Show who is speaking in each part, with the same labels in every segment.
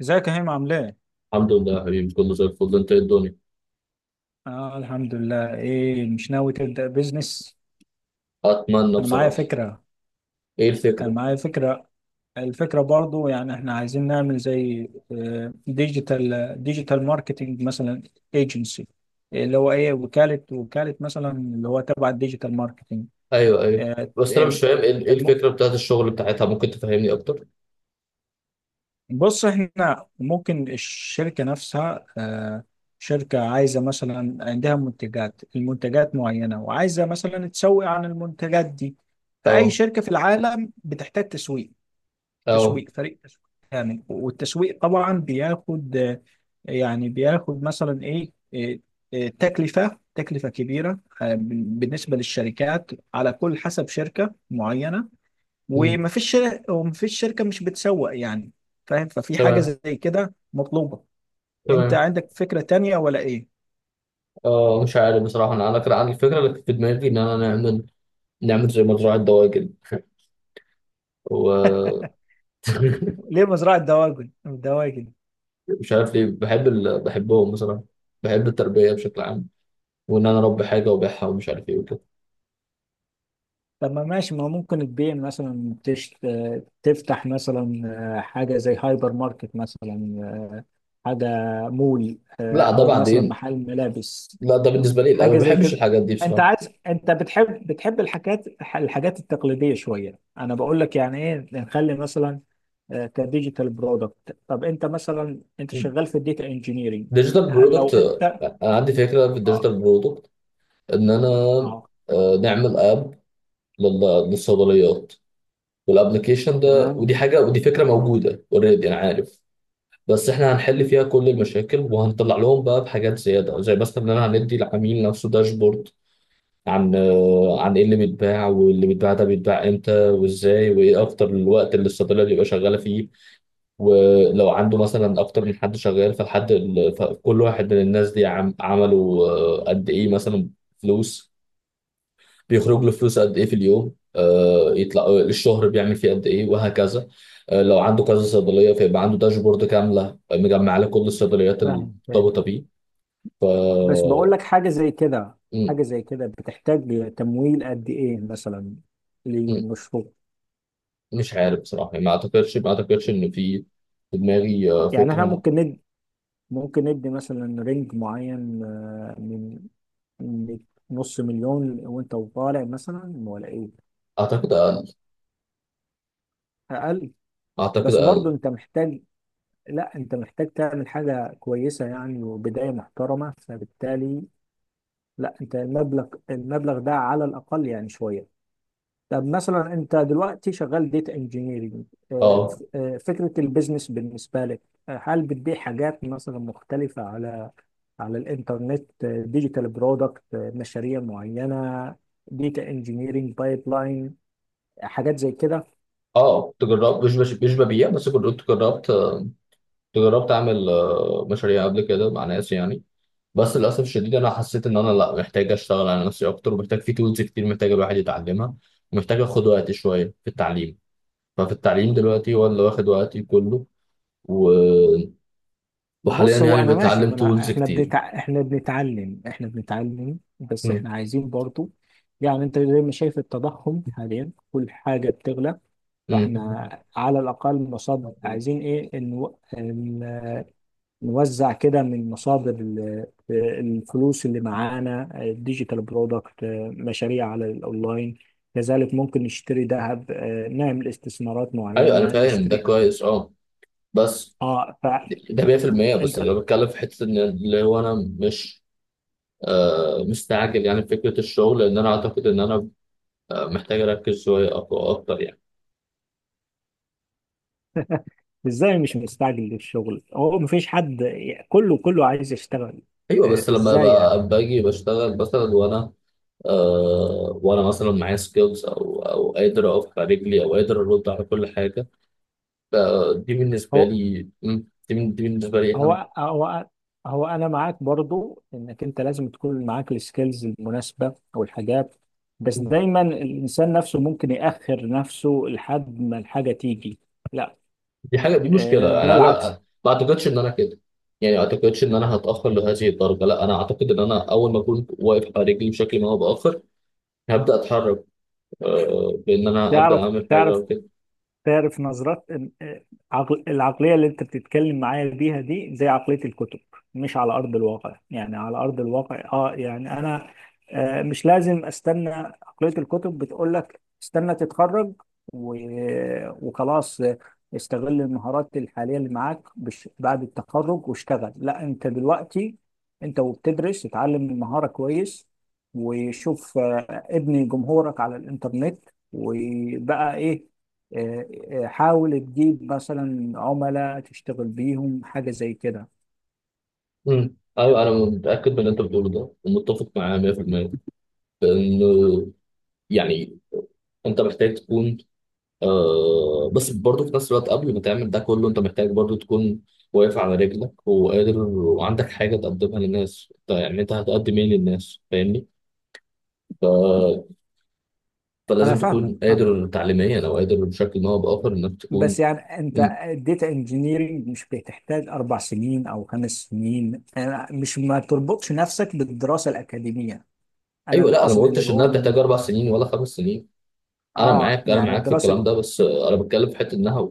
Speaker 1: ازيك يا هيم عامل ايه؟
Speaker 2: الحمد لله يا حبيبي، كله زي الفل. انت، ايه الدنيا؟
Speaker 1: اه، الحمد لله. ايه مش ناوي تبدأ بيزنس؟
Speaker 2: اتمنى
Speaker 1: انا معايا
Speaker 2: بصراحه.
Speaker 1: فكرة.
Speaker 2: ايه
Speaker 1: انا
Speaker 2: الفكره؟
Speaker 1: معايا فكرة الفكرة برضو يعني احنا عايزين نعمل زي ديجيتال ماركتنج مثلا، ايجنسي، اللي هو ايه وكالة مثلا اللي هو تبع الديجيتال
Speaker 2: ايوه، ايوه. بس انا مش فاهم ايه
Speaker 1: ماركتنج.
Speaker 2: الفكره بتاعت الشغل بتاعتها، ممكن تفهمني اكتر؟
Speaker 1: بص، احنا ممكن الشركة نفسها شركة عايزة مثلا عندها منتجات، المنتجات معينة وعايزة مثلا تسوق عن المنتجات دي. فأي
Speaker 2: اه،
Speaker 1: شركة في العالم بتحتاج تسويق،
Speaker 2: اه،
Speaker 1: فريق تسويق يعني. والتسويق طبعا بياخد يعني بياخد مثلا ايه، تكلفة تكلفة كبيرة بالنسبة للشركات، على كل حسب شركة معينة.
Speaker 2: امم.
Speaker 1: ومفيش شركة مش بتسوق يعني. فاهم؟ ففي حاجة
Speaker 2: تمام،
Speaker 1: زي كده مطلوبة. انت
Speaker 2: تمام.
Speaker 1: عندك فكرة تانية ولا ايه؟
Speaker 2: اه مش عارف بصراحه، انا كان عندي الفكره اللي كانت في دماغي ان انا نعمل زي مزرعه دواجن. و
Speaker 1: ليه مزرعة دواجن؟
Speaker 2: مش عارف ليه بحب بحبهم بصراحه. بحب التربيه بشكل عام، وان انا اربي حاجه وابيعها ومش عارف ايه وكده.
Speaker 1: طب، ما ماشي ما ممكن تبيع مثلا تفتح مثلا حاجة زي هايبر ماركت مثلا، آه، حاجة مول
Speaker 2: لا ده
Speaker 1: أو مثلا
Speaker 2: بعدين.
Speaker 1: محل ملابس،
Speaker 2: لا ده بالنسبه لي، لا،
Speaker 1: حاجه
Speaker 2: ما
Speaker 1: زي
Speaker 2: بحبش
Speaker 1: كده.
Speaker 2: الحاجات دي
Speaker 1: انت
Speaker 2: بصراحه.
Speaker 1: عايز، انت بتحب الحاجات، الحاجات التقليديه شويه. انا بقول لك يعني ايه، نخلي مثلا كديجيتال برودكت. طب انت مثلا، انت شغال في الديتا انجينيرنج،
Speaker 2: ديجيتال
Speaker 1: هل لو
Speaker 2: برودكت.
Speaker 1: انت؟
Speaker 2: عندي فكره في
Speaker 1: اه.
Speaker 2: الديجيتال برودكت، ان انا
Speaker 1: اه،
Speaker 2: نعمل اب للصيدليات. والابلكيشن ده،
Speaker 1: تمام.
Speaker 2: ودي حاجه، ودي فكره موجوده اوريدي، انا عارف. بس احنا هنحل فيها كل المشاكل، وهنطلع لهم بقى بحاجات زياده زي مثلا ان انا هندي العميل نفسه داشبورد عن ايه اللي بيتباع، واللي بيتباع ده بيتباع امتى وازاي، وايه اكتر الوقت اللي الصيدليه بيبقى شغاله فيه. ولو عنده مثلا اكتر من حد شغال، فكل واحد من الناس دي عملوا قد ايه مثلا فلوس، بيخرج له فلوس قد ايه في اليوم، يطلع الشهر بيعمل فيه قد ايه، وهكذا. لو عنده كذا صيدليه فيبقى عنده داشبورد كامله مجمع له كل الصيدليات
Speaker 1: فاهم فاهم.
Speaker 2: المرتبطه بيه. ف
Speaker 1: بس بقول لك حاجه زي كده،
Speaker 2: م-
Speaker 1: حاجه زي كده بتحتاج تمويل قد ايه مثلا
Speaker 2: م-
Speaker 1: للمشروع؟
Speaker 2: مش عارف بصراحه، يعني ما اعتقدش ان في دماغي
Speaker 1: يعني احنا
Speaker 2: فكره.
Speaker 1: ممكن ندي، ممكن ندي مثلا رينج معين من من نص مليون وانت وطالع مثلا، ولا ايه؟
Speaker 2: اعتقد اقل.
Speaker 1: اقل؟
Speaker 2: اعتقد
Speaker 1: بس برضو
Speaker 2: اقل.
Speaker 1: انت محتاج، لا انت محتاج تعمل حاجة كويسة يعني وبداية محترمة، فبالتالي لا، انت المبلغ ده على الاقل يعني شوية. طب مثلا، انت دلوقتي شغال ديتا انجينيرنج،
Speaker 2: اه،
Speaker 1: فكرة البيزنس بالنسبة لك هل بتبيع حاجات مثلا مختلفة على الانترنت ديجيتال برودكت، مشاريع معينه، ديتا انجينيرنج بايب لاين، حاجات زي كده؟
Speaker 2: اه. تجرب، مش ببيع. بس كنت جربت اعمل مشاريع قبل كده مع ناس يعني. بس للاسف الشديد، انا حسيت ان انا لا، محتاج اشتغل على نفسي اكتر، ومحتاج في تولز كتير محتاج الواحد يتعلمها، ومحتاج اخد وقت شويه في التعليم. ففي التعليم دلوقتي هو اللي واخد وقتي كله. و... وحاليا
Speaker 1: بص، هو
Speaker 2: يعني
Speaker 1: انا ماشي،
Speaker 2: بتعلم
Speaker 1: ما انا
Speaker 2: تولز
Speaker 1: احنا
Speaker 2: كتير.
Speaker 1: بنتع... احنا بنتعلم، بس
Speaker 2: مم.
Speaker 1: احنا عايزين برضو يعني، انت زي ما شايف التضخم حاليا كل حاجه بتغلى.
Speaker 2: مم.
Speaker 1: فاحنا على الاقل مصاد عايزين ايه، ان نوزع كده من مصادر الفلوس اللي معانا، ديجيتال برودكت، مشاريع على الاونلاين. كذلك ممكن نشتري ذهب نعمل استثمارات
Speaker 2: ايوه، انا
Speaker 1: معينة،
Speaker 2: فاهم ده
Speaker 1: نشتري.
Speaker 2: كويس، اه. بس
Speaker 1: اه، فانت
Speaker 2: ده 100%. بس انا بتكلم في حته ان اللي هو انا مش مستعجل يعني في فكره الشغل، لان انا اعتقد ان انا محتاج اركز شويه اكتر يعني.
Speaker 1: ازاي مش مستعجل للشغل؟ هو مفيش حد، كله عايز يشتغل.
Speaker 2: ايوه بس لما
Speaker 1: ازاي يعني؟
Speaker 2: باجي بشتغل مثلا وانا، وانا مثلا معايا سكيلز، او قادر اقف على رجلي او قادر ارد على كل حاجه. ف-
Speaker 1: هو
Speaker 2: دي بالنسبه لي اهم.
Speaker 1: هو هو هو انا معاك برضو انك انت لازم تكون معاك السكيلز المناسبه او الحاجات. بس
Speaker 2: مم.
Speaker 1: دايما الانسان نفسه ممكن ياخر نفسه لحد ما الحاجه تيجي. لا،
Speaker 2: دي حاجه، دي مشكله،
Speaker 1: ده
Speaker 2: يعني
Speaker 1: العكس.
Speaker 2: انا ما اعتقدش ان انا كده. يعني ما اعتقدش ان انا هتاخر لهذه الدرجه، لا انا اعتقد ان انا اول ما اكون واقف على رجلي بشكل ما، هو باخر، هبدا اتحرك، بان انا ابدا
Speaker 1: تعرف
Speaker 2: اعمل حاجه
Speaker 1: تعرف
Speaker 2: او كده.
Speaker 1: تعرف نظرات، العقلية اللي انت بتتكلم معايا بيها دي زي عقلية الكتب، مش على أرض الواقع. يعني على أرض الواقع اه، يعني أنا مش لازم استنى. عقلية الكتب بتقول لك استنى تتخرج وخلاص، استغل المهارات الحالية اللي معاك بعد التخرج واشتغل. لا، انت دلوقتي انت وبتدرس اتعلم المهارة كويس، وشوف ابني جمهورك على الإنترنت وبقى ايه، آه، حاول تجيب مثلا عملاء تشتغل بيهم حاجة زي كده.
Speaker 2: مم. ايوه، انا متاكد من اللي انت بتقوله ده، ومتفق معاه 100%. لانه يعني انت محتاج تكون، بس برضه في نفس الوقت قبل ما تعمل ده كله، انت محتاج برضه تكون واقف على رجلك، وقادر، وعندك حاجه تقدمها للناس. انت يعني انت هتقدم ايه للناس، فاهمني؟ ف...
Speaker 1: أنا
Speaker 2: فلازم
Speaker 1: فاهمك
Speaker 2: تكون
Speaker 1: فاهمك
Speaker 2: قادر تعليميا، او قادر بشكل ما، او باخر انك تكون.
Speaker 1: بس يعني أنت
Speaker 2: مم.
Speaker 1: الداتا انجينيرنج مش بتحتاج أربع سنين أو خمس سنين. أنا مش، ما تربطش نفسك بالدراسة الأكاديمية. أنا
Speaker 2: ايوه
Speaker 1: اللي
Speaker 2: لا، انا ما
Speaker 1: قصدي اللي
Speaker 2: قلتش انها
Speaker 1: بقوله
Speaker 2: بتحتاج
Speaker 1: ليه،
Speaker 2: اربع سنين ولا خمس سنين. انا
Speaker 1: آه
Speaker 2: معاك انا
Speaker 1: يعني
Speaker 2: معاك في
Speaker 1: الدراسة.
Speaker 2: الكلام ده، بس انا بتكلم في حته انها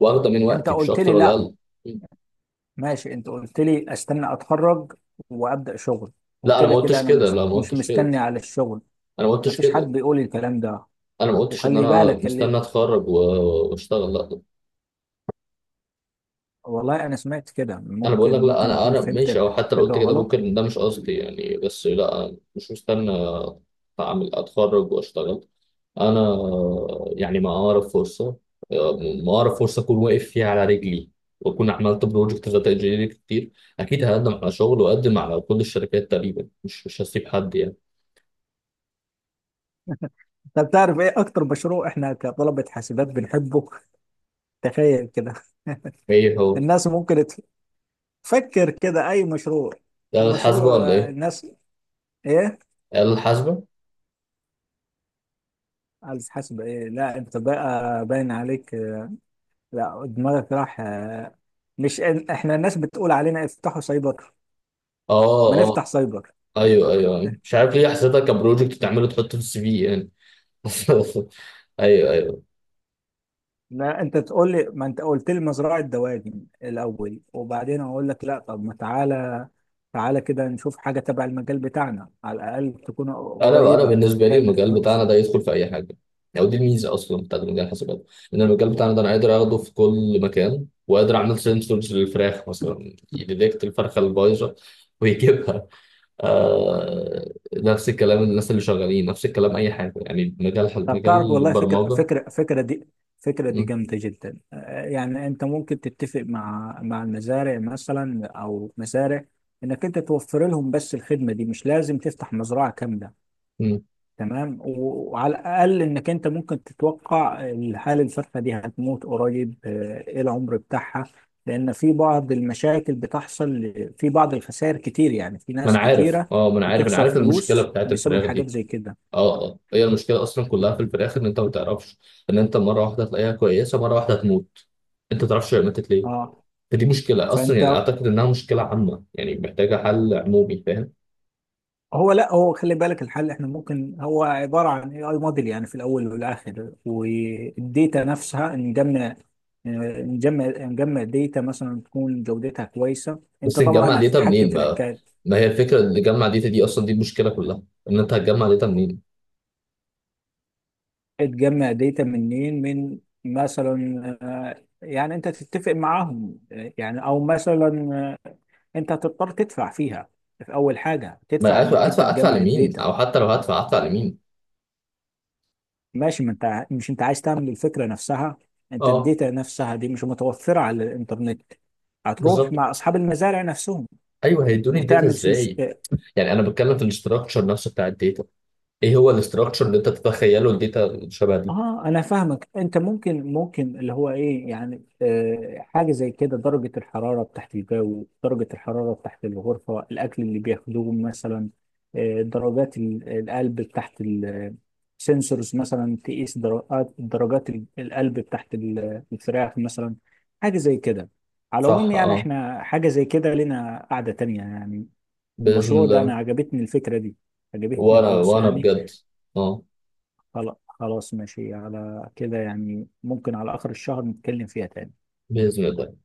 Speaker 2: واخده من
Speaker 1: أنت
Speaker 2: وقتي، مش
Speaker 1: قلت
Speaker 2: اكتر
Speaker 1: لي
Speaker 2: ولا
Speaker 1: لا،
Speaker 2: اقل. مم.
Speaker 1: ماشي، أنت قلت لي أستنى أتخرج وأبدأ شغل،
Speaker 2: لا انا ما
Speaker 1: وكده كده
Speaker 2: قلتش
Speaker 1: أنا
Speaker 2: كده،
Speaker 1: مش
Speaker 2: لا، ما
Speaker 1: مش
Speaker 2: قلتش كده.
Speaker 1: مستني على الشغل.
Speaker 2: انا ما قلتش
Speaker 1: مفيش حد
Speaker 2: كده.
Speaker 1: بيقول الكلام ده.
Speaker 2: انا ما قلتش ان
Speaker 1: وخلي
Speaker 2: انا
Speaker 1: بالك اللي،
Speaker 2: مستني اتخرج واشتغل، لا.
Speaker 1: والله انا سمعت كده،
Speaker 2: انا بقول لك
Speaker 1: ممكن
Speaker 2: لا،
Speaker 1: ممكن
Speaker 2: انا
Speaker 1: اكون
Speaker 2: انا
Speaker 1: فهمت
Speaker 2: ماشي، او حتى لو
Speaker 1: الحاجه
Speaker 2: قلت كده
Speaker 1: غلط.
Speaker 2: ممكن ده مش قصدي يعني، بس لا أنا مش مستني اعمل اتخرج واشتغل. انا يعني ما اعرف فرصه، ما اعرف فرصه اكون واقف فيها على رجلي، واكون عملت بروجكت داتا انجينيرنج كتير، اكيد هقدم على شغل واقدم على كل الشركات تقريبا، مش هسيب حد يعني.
Speaker 1: انت بتعرف ايه اكتر مشروع احنا كطلبه حاسبات بنحبه؟ تخيل كده،
Speaker 2: ايه هو؟
Speaker 1: الناس ممكن تفكر كده اي مشروع
Speaker 2: ده آلة حاسبة
Speaker 1: المشروع؟
Speaker 2: ولا إيه؟
Speaker 1: الناس ايه،
Speaker 2: آلة حاسبة؟
Speaker 1: على حسب ايه؟ لا، انت بقى باين عليك، لا، دماغك راح. مش إن- احنا الناس بتقول علينا افتحوا سايبر، ما
Speaker 2: آه، آه.
Speaker 1: نفتح سايبر.
Speaker 2: أيوه، أيوه، أيوه، مش عارف ليه حسيتها كبروجكت تعمله تحطه في السي في يعني. أيوه، أيوه.
Speaker 1: لا، انت تقول لي، ما انت قلت لي مزرعه دواجن الاول وبعدين اقول لك لا، طب ما تعالى، تعالى كده نشوف حاجة تبع المجال بتاعنا على الأقل تكون
Speaker 2: أنا
Speaker 1: قريبة
Speaker 2: بالنسبة لي
Speaker 1: وبتعمل
Speaker 2: المجال بتاعنا
Speaker 1: فلوس.
Speaker 2: ده يدخل في أي حاجة، يعني ودي الميزة أصلا بتاعت مجال الحاسبات. إن المجال بتاعنا ده أنا قادر آخده في كل مكان، وقادر أعمل سنسورز للفراخ مثلا يديتكت الفرخة البايظة ويجيبها. آه نفس الكلام، الناس اللي شغالين نفس الكلام، أي حاجة يعني، مجال
Speaker 1: طب
Speaker 2: مجال
Speaker 1: تعرف، والله
Speaker 2: البرمجة.
Speaker 1: فكرة دي، فكرة دي
Speaker 2: م-
Speaker 1: جامدة جدا. يعني أنت ممكن تتفق مع المزارع مثلا أو مزارع، إنك أنت توفر لهم بس الخدمة دي، مش لازم تفتح مزرعة كاملة.
Speaker 2: م.
Speaker 1: تمام، وعلى الاقل انك انت ممكن تتوقع الحاله، الفرخه دي هتموت قريب ايه العمر بتاعها. لان في بعض المشاكل بتحصل، في بعض الخسائر كتير يعني، في
Speaker 2: ما انا
Speaker 1: ناس
Speaker 2: عارف،
Speaker 1: كتيره
Speaker 2: اه، ما انا عارف، انا
Speaker 1: بتخسر
Speaker 2: عارف المشكله
Speaker 1: فلوس
Speaker 2: بتاعت
Speaker 1: بسبب
Speaker 2: الفراخ
Speaker 1: حاجات
Speaker 2: دي.
Speaker 1: زي كده.
Speaker 2: اه، اه. هي المشكله اصلا كلها في الفراخ ان انت ما تعرفش، ان انت مره واحده تلاقيها كويسه، مره واحده تموت، انت ما تعرفش هي ماتت ليه.
Speaker 1: اه،
Speaker 2: فدي مشكله اصلا،
Speaker 1: فانت
Speaker 2: يعني اعتقد انها مشكله عامه، يعني محتاجه حل عمومي، فاهم؟
Speaker 1: هو، لا هو خلي بالك، الحل احنا ممكن هو عباره عن اي موديل يعني في الاول والاخر، والديتا نفسها نجمع، آه، نجمع ديتا مثلا تكون جودتها كويسه،
Speaker 2: بس
Speaker 1: انت
Speaker 2: نجمع
Speaker 1: طبعا
Speaker 2: داتا
Speaker 1: هتتحكم
Speaker 2: منين،
Speaker 1: في الحكايه.
Speaker 2: ما هي الفكره اللي نجمع داتا دي، اصلا دي المشكله كلها. ان انت هتجمع داتا منين؟
Speaker 1: تجمع داتا منين؟ من مثلا يعني انت تتفق معاهم يعني او مثلا آه، انت هتضطر تدفع فيها، في اول حاجه
Speaker 2: ما
Speaker 1: تدفع
Speaker 2: ادفع،
Speaker 1: انك انت
Speaker 2: ادفع
Speaker 1: تجمع
Speaker 2: لمين؟
Speaker 1: الداتا.
Speaker 2: او حتى لو هدفع، ادفع لمين؟
Speaker 1: ماشي، ما انت ع- مش انت عايز تعمل الفكره نفسها؟ انت
Speaker 2: اه،
Speaker 1: الداتا نفسها دي مش متوفره على الانترنت، هتروح
Speaker 2: بالظبط.
Speaker 1: مع اصحاب المزارع نفسهم
Speaker 2: ايوه، هيدوني الداتا
Speaker 1: وتعمل.
Speaker 2: ازاي؟ يعني انا بتكلم في الاستراكشر نفسه بتاع الداتا. ايه هو الاستراكشر اللي انت تتخيله الداتا شبه دي؟
Speaker 1: اه، انا فاهمك، انت ممكن اللي هو ايه يعني، آه حاجه زي كده، درجه الحراره بتاعت الجو، درجه الحراره بتاعت الغرفه، الاكل اللي بياخدوه مثلا، آه درجات القلب بتاعت، السنسورز مثلا تقيس درجات القلب بتاعت الفراخ مثلا، حاجه زي كده. على العموم
Speaker 2: صح،
Speaker 1: يعني
Speaker 2: اه،
Speaker 1: احنا حاجه زي كده لنا قاعده تانية يعني.
Speaker 2: باذن
Speaker 1: المشروع ده
Speaker 2: الله.
Speaker 1: انا عجبتني الفكره دي، عجبتني
Speaker 2: وانا
Speaker 1: خالص
Speaker 2: وانا
Speaker 1: يعني.
Speaker 2: بجد، اه،
Speaker 1: خلاص، ماشي على كده يعني. ممكن على آخر الشهر نتكلم فيها تاني.
Speaker 2: باذن الله.